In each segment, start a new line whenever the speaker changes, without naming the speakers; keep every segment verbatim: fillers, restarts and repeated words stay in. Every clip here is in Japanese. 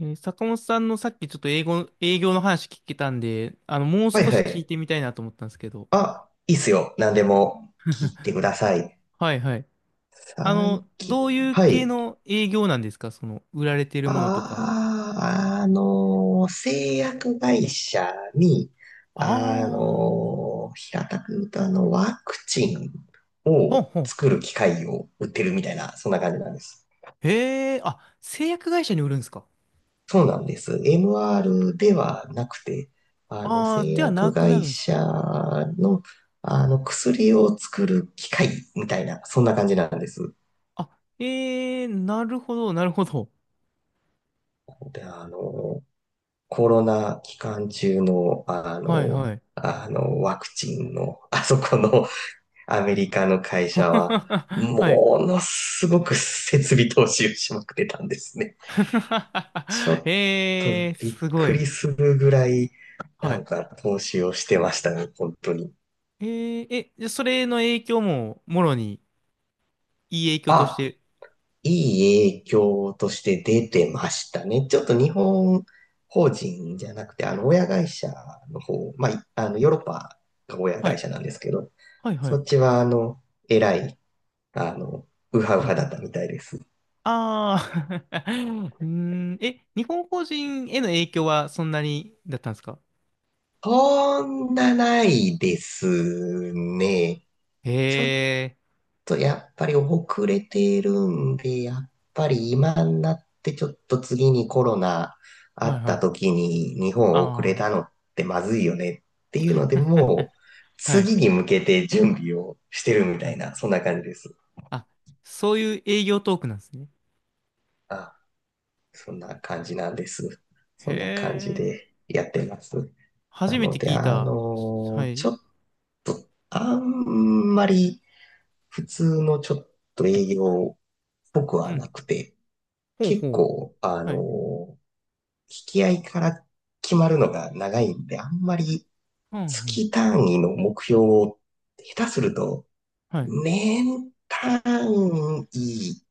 えー坂本さんのさっきちょっと英語、営業の話聞けたんで、あの、もう
はい
少
は
し聞い
い。
てみたいなと思ったんですけど。
あ、いいっすよ。何でも聞いてください。
はいはい。あ
最
の、
近、
どういう
は
系
い。
の営業なんですか？その、売られてるものとか。
あああのー製薬会社に、
あ
あ
あ、
のー平たく言うとあの、ワクチン
ほん
を
ほん。
作る機械を売ってるみたいな、そんな感じなんです。
へえ、あ、製薬会社に売るんですか？
そうなんです。エムアール ではなくて、あの、
ああー、
製
ではな
薬
くな
会
るんですか？
社の、あの、薬を作る機械みたいな、そんな感じなんです。
あ、ええー、なるほど、なるほど。
で、あの、コロナ期間中の、あ
はい
の、
はい。
あの、ワクチンの、あそこの アメリカの会 社は、
はい。
ものすごく設備投資をしまくってたんですね。ちょ っと
ええー、
びっ
すご
く
い。
りするぐらい、
は
なん
い。
か投資をしてましたね、本当に。
えー、え、じゃあそれの影響ももろに、いい影響とし
あ、
て。
いい影響として出てましたね。ちょっと日本法人じゃなくて、あの、親会社の方、まあ、いあの、ヨーロッパが親
は
会
い。
社なんですけど、
はいは
そ
い。
っちは、あの、えらい、あの、ウハウ
う
ハ
ん。
だったみたいです。
ああ、 うーん。え、日本法人への影響はそんなにだったんですか？
そんなないですね。
へ
ちょっ
え。
とやっぱり遅れているんで、やっぱり今になってちょっと次にコロナあ
はい
っ
は
た
い。
時に日本遅れ
あ
たのってまずいよねっていうので、もう
あ。はい。
次に向けて準備をしてるみた
は
い
い。
な、そんな感じです。
あ、そういう営業トークなんですね。
あ、そんな感じなんです。
へ
そんな感じ
え。
でやってます。な
初め
の
て
で、
聞い
あ
た。は
のち
い。
ょっと、あんまり普通のちょっと営業っぽく
う
はな
ん。
くて、
ほうほ
結
う。
構、あ
は
の
い。
ー引き合いから決まるのが長いんで、あんまり
うんうん。
月単位の目標を下手すると、
はい。
年単位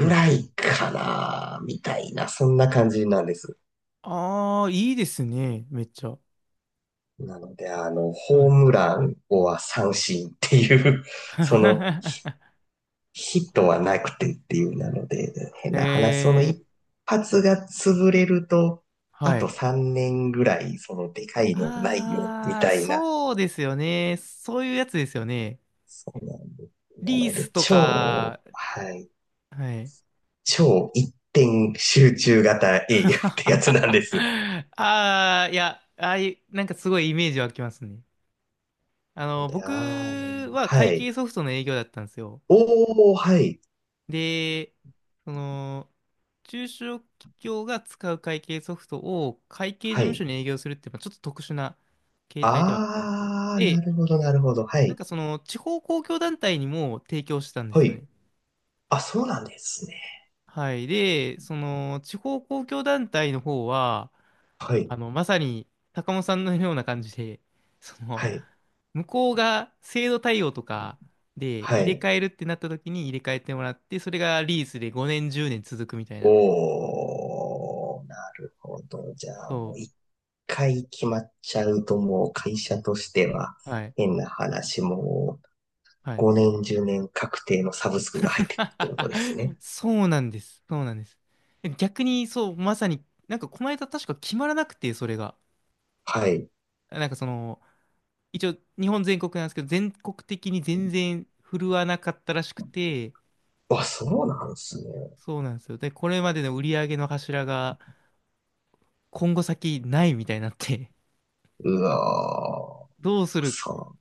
うん
ら
うん。
いかな、みたいな、そんな感じなんです。
ああ、いいですね。めっちゃ。
なので、あの、
は
ホー
い。
ムラン、をは三振っていう、そのヒットはな くてっていうなので、変
へ
な話、その一
え。
発が潰れると、あ
は
と
い。
さんねんぐらい、そのでかいのないよ、み
ああ、
たいな。
そうですよね。そういうやつですよね。
そうなんです。な
リー
の
ス
で、
と
超、
か、
はい、
はい。
超一点集中型営業ってやつなんです。
ああ、いや、ああいう、なんかすごいイメージ湧きますね。あ
の
の、
で、
僕
あーの、
は
は
会計
い。
ソフトの営業だったんですよ。
おー、はい、
で、その、中小企業が使う会計ソフトを会計事
は
務所
い。
に営業するって、まあちょっと特殊な形態ではあったんですけど。
あー、な
で、
るほど、なるほど、は
なん
い、
かその、地方公共団体にも提供してたんです
は
よ
い。
ね。
あ、そうなんですね。
はい。で、その、地方公共団体の方は、
はい、
あの、まさに、高本さんのような感じで、そ
は
の、
い、
向こうが制度対応とかで
は
入れ
い。
替えるってなった時に入れ替えてもらって、それがリースでごねん、じゅうねん続くみたいな。
おー、なるほど。じゃあ、も
そ
う一回決まっちゃうと、もう会社としては、
う。はい。
変な話、もう
はい。
ごねん、じゅうねん確定のサブスクが入ってくるってことですね。
そうなんです。そうなんです。逆に、そう、まさに、なんかこの間確か決まらなくて、それが。
はい。
なんかその、一応日本全国なんですけど、全国的に全然振るわなかったらしくて、
あ、そうなんですね。
そうなんですよ。で、これまでの売り上げの柱が今後先ないみたいになって、
うわー、
どうする
そ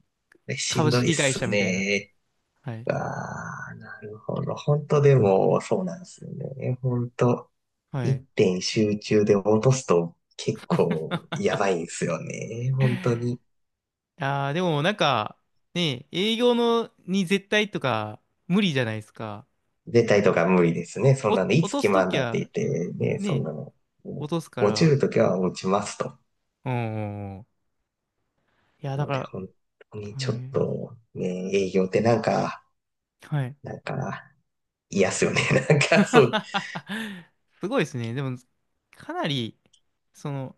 う。えし
株
んどいっ
式会社
す
みたいな。
ね。
はい。
ああ、なるほど。本当でも、そうなんですよね。本当
は
一
い。
点集中で落とすと結構 やばいんですよね。本当に。
あー、でもなんか、ね、営業のに絶対とか無理じゃないですか？
出たり
だ
と
か
か
ら
無理ですね。そ
お、
んな
落
の、いつ
と
決
すと
まん
き
だって言
は、
ってね、そん
ね、
なの。
落
も
とすか
う落ち
ら、
るときは落ちますと。
うんうんうん。いや、
な
だ
の
から、
で、本当にちょ
は
っ
い。
とね、営業ってなんか、
はい。
なんか嫌っすよね。なんかそう、
すごいですね。でも、かなり、その、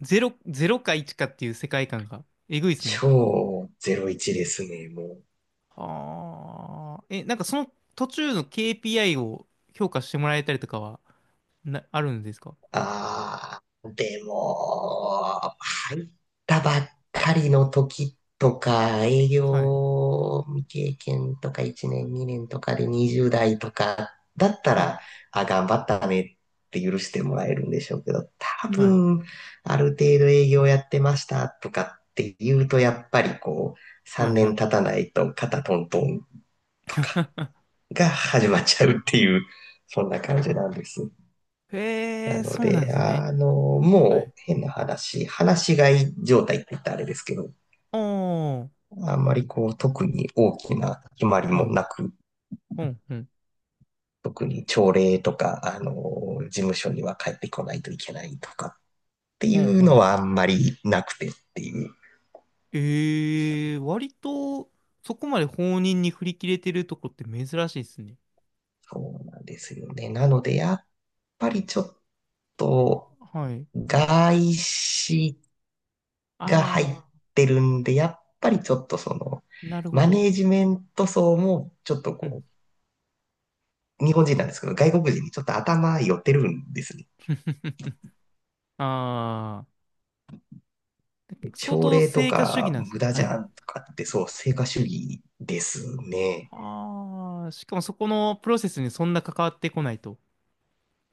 ゼロ、ゼロかいちかっていう世界観がえぐいですね。
超ゼロイチですね、もう。
はあ。え、なんかその途中の ケーピーアイ を評価してもらえたりとかは、な、あるんですか？
ああ、でも、入ったばっかりの時とか、営
はい。
業未経験とかいちねんにねんとかでにじゅうだい代とかだった
はい。
ら、あ、頑張ったねって許してもらえるんでしょうけど、多
はい。
分、ある程度営業やってましたとかって言うと、やっぱりこう、
はい。
3
は
年経
い。
たないと肩トントンと か
あ
が始まっ
ー、
ちゃうっていう、そんな感じなんです。
へ
な
え、
の
そうなんで
で、
すね。
あの、
は
も
い。
う変な話、話し飼い状態って言ったらあれですけど、
ああ、はい。
あんまりこう特に大きな決まり
ほ
も
ん
なく、
ほん。
特に朝礼とか、あの、事務所には帰ってこないといけないとかってい
ほん
う
ほ
の
ん。
はあんまりなくてっていう。
ええ、割と、そこまで放任に振り切れてるとこって珍しいですね。
そうなんですよね。なので、やっぱりちょっと
はい。
外資が入っ
ああ、
てるんで、やっぱりちょっとその、
なるほ
マ
ど。
ネージメント層もちょっと
うん。
こ日本人なんですけど、外国人にちょっと頭寄ってるんですね。
ああ、相
朝
当
礼と
成果主義
か
なんです
無
ね。
駄じ
はい。
ゃんとかって、そう、成果主義ですね。
ああ、しかもそこのプロセスにそんな関わってこないと。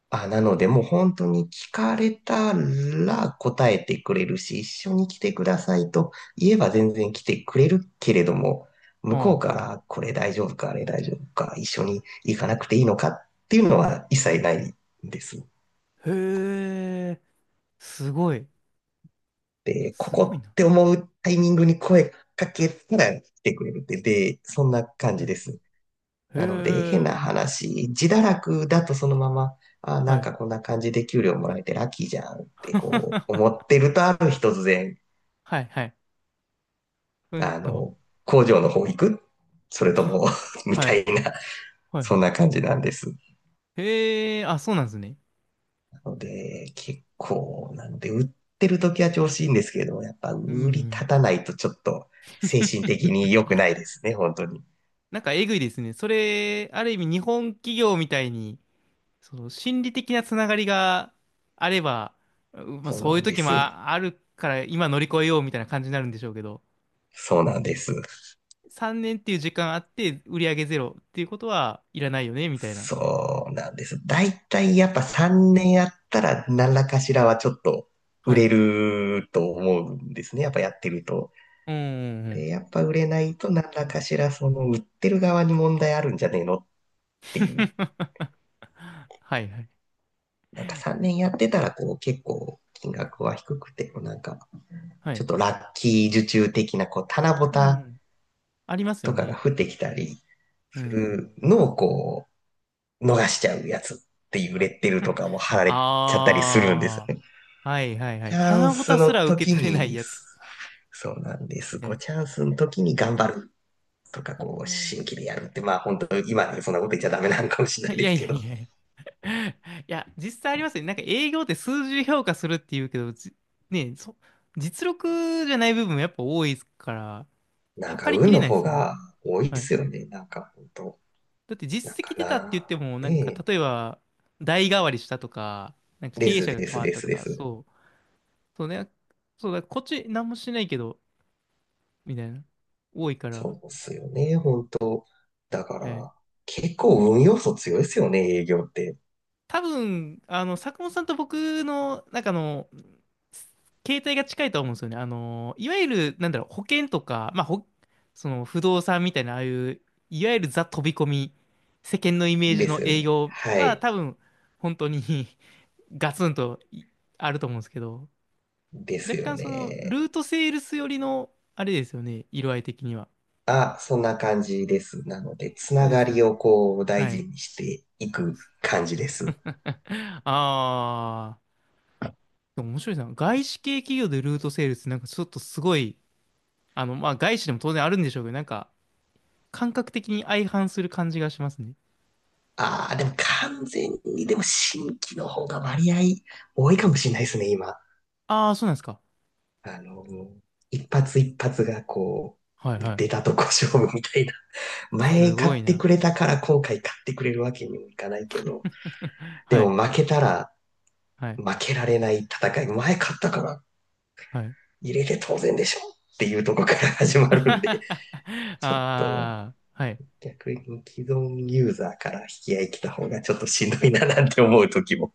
あ、なので、もう本当に聞かれたら答えてくれるし、一緒に来てくださいと言えば全然来てくれるけれども、向こう
は
か
あ、は
ら
あ。
これ大丈夫か、あれ大丈夫か、一緒に行かなくていいのかっていうのは一切ないんですね。
へえ、すごい。
で、こ
すごい
こ
な。
って思うタイミングに声かけたら来てくれるって、で、そんな感
う
じで
んうん。
す。なので、変な
へえ、
話、自堕落だとそのまま、あ、
は
なん
い。
かこんな感じで給料もらえてラッキーじゃんってこう思 ってると、ある日突然、
はい、はい。うん
あ
と。
の、工場の方行くそれとも み
は
た
い、
いな、
はい、
そん
は
な感じなんです。
い。へえ、あ、そうなんですね。
なので、結構、なので、売ってる時は調子いいんですけれども、やっぱ
うんう
売り立
ん。
たないとちょっと精神的に良くないですね、本当に。
なんかえぐいですね。それ、ある意味日本企業みたいに、その心理的なつながりがあれば、うまあ、
そうな
そういう
んで
時も
す。
ああるから今乗り越えようみたいな感じになるんでしょうけど、
そうなんです。
さんねんっていう時間あって売り上げゼロっていうことはいらないよねみたいな。
そうなんです。だいたいやっぱさんねんやったら何らかしらはちょっと売
はい。
れると思うんですね。やっぱやってると。
うんうんう
で、
ん。
やっぱ売れないと何らかしらその売ってる側に問題あるんじゃねえのっていう。
はいはい。
なんかさんねんやってたらこう結構金額は低くて、こうなんか
は
ちょっ
い。
とラッキー受注的なこう棚ぼ
う
た
ん。ありますよ
とかが
ね。
降ってきたり
う
す
ん。
るのをこ
は
逃
い。
しちゃうやつっていうレッテルと かも貼られちゃったりするんです
ああ。
よね。
はいはいは
チ
い。
ャン
棚ぼ
ス
たす
の
ら受け
時
取れない
に、
やつ。
そうなんで
み
す。
たい
こ
な。
う、チャンスの時に頑張るとか、こう、新
お
規でやるって、まあ本当今ね、そんなこと言っちゃダメなのかもしれ
ー、
ない
い
で
や
す
い
け
や
ど、
いやいや。いや、実際ありますよね。なんか営業って数字で評価するっていうけど、じねえ、そ、実力じゃない部分もやっぱ多いから、
なんか
測りき
運
れ
の
ないで
方
すよね。
が多いっ
はい。
すよね。なんか本当
だって
なん
実
か
績出たって言っ
な、
ても、なんか
ねえ。
例えば、代替わりしたとか、なんか経
で
営
す
者が
で
変
す
わっ
で
た
す
と
で
か、
す。
そう、そうね、そうだ、こっち何もしてないけど、みたいな、多いから、
そうっすよね、本当だか
ええ、
ら、結構運要素強いですよね、営業って。
多分、あの、坂本さんと僕の、なんかあの、携帯が近いと思うんですよね。あの、いわゆる、なんだろう、保険とか、まあ、ほ、その不動産みたいな、ああいう、いわゆるザ飛び込み、世間のイメージ
で
の
すよ
営
ね。
業
は
は
い。
多分、本当に ガツンといあると思うんですけど、
です
若
よ
干その、ル
ね。
ートセールス寄りの、あれですよね、色合い的には。
あ、そんな感じです。なので、つ
そう
な
で
が
すよ
り
ね。
をこう大
は
事
い。
にしていく感じです。
ああ、でも面白いな。外資系企業でルートセールス、なんかちょっとすごい、あの、まあ、外資でも当然あるんでしょうけど、なんか、感覚的に相反する感じがしますね。
ああ、でも完全に、でも新規の方が割合多いかもしれないですね、今。
ああ、そうなんですか？
あの、一発一発がこ
はい
う、
は
出
い。
たとこ勝負みたいな。
す
前買
ごい
ってく
な。
れたから今回買ってくれるわけにもいかないけど、で
は
も
い、
負けたら
はい、
負けられない戦い、前買ったから
はい。
入れて当然でしょっていうとこから始ま るん
あ
で、ちょっと
あ、はい。
逆に既存ユーザーから引き合い来た方がちょっとしんどいななんて思う時も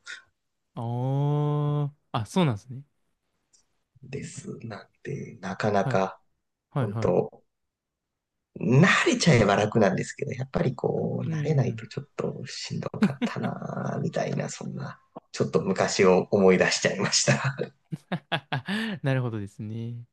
おー。あ、そうなんですね。
ですなんて、なかな
はい、
か、
はい、
本
はい。
当慣れちゃえば楽なんですけど、やっぱりこう、
う
慣れない
ん。
とちょっとしんどかったな、みたいな、そんな、ちょっと昔を思い出しちゃいました。
なるほどですね。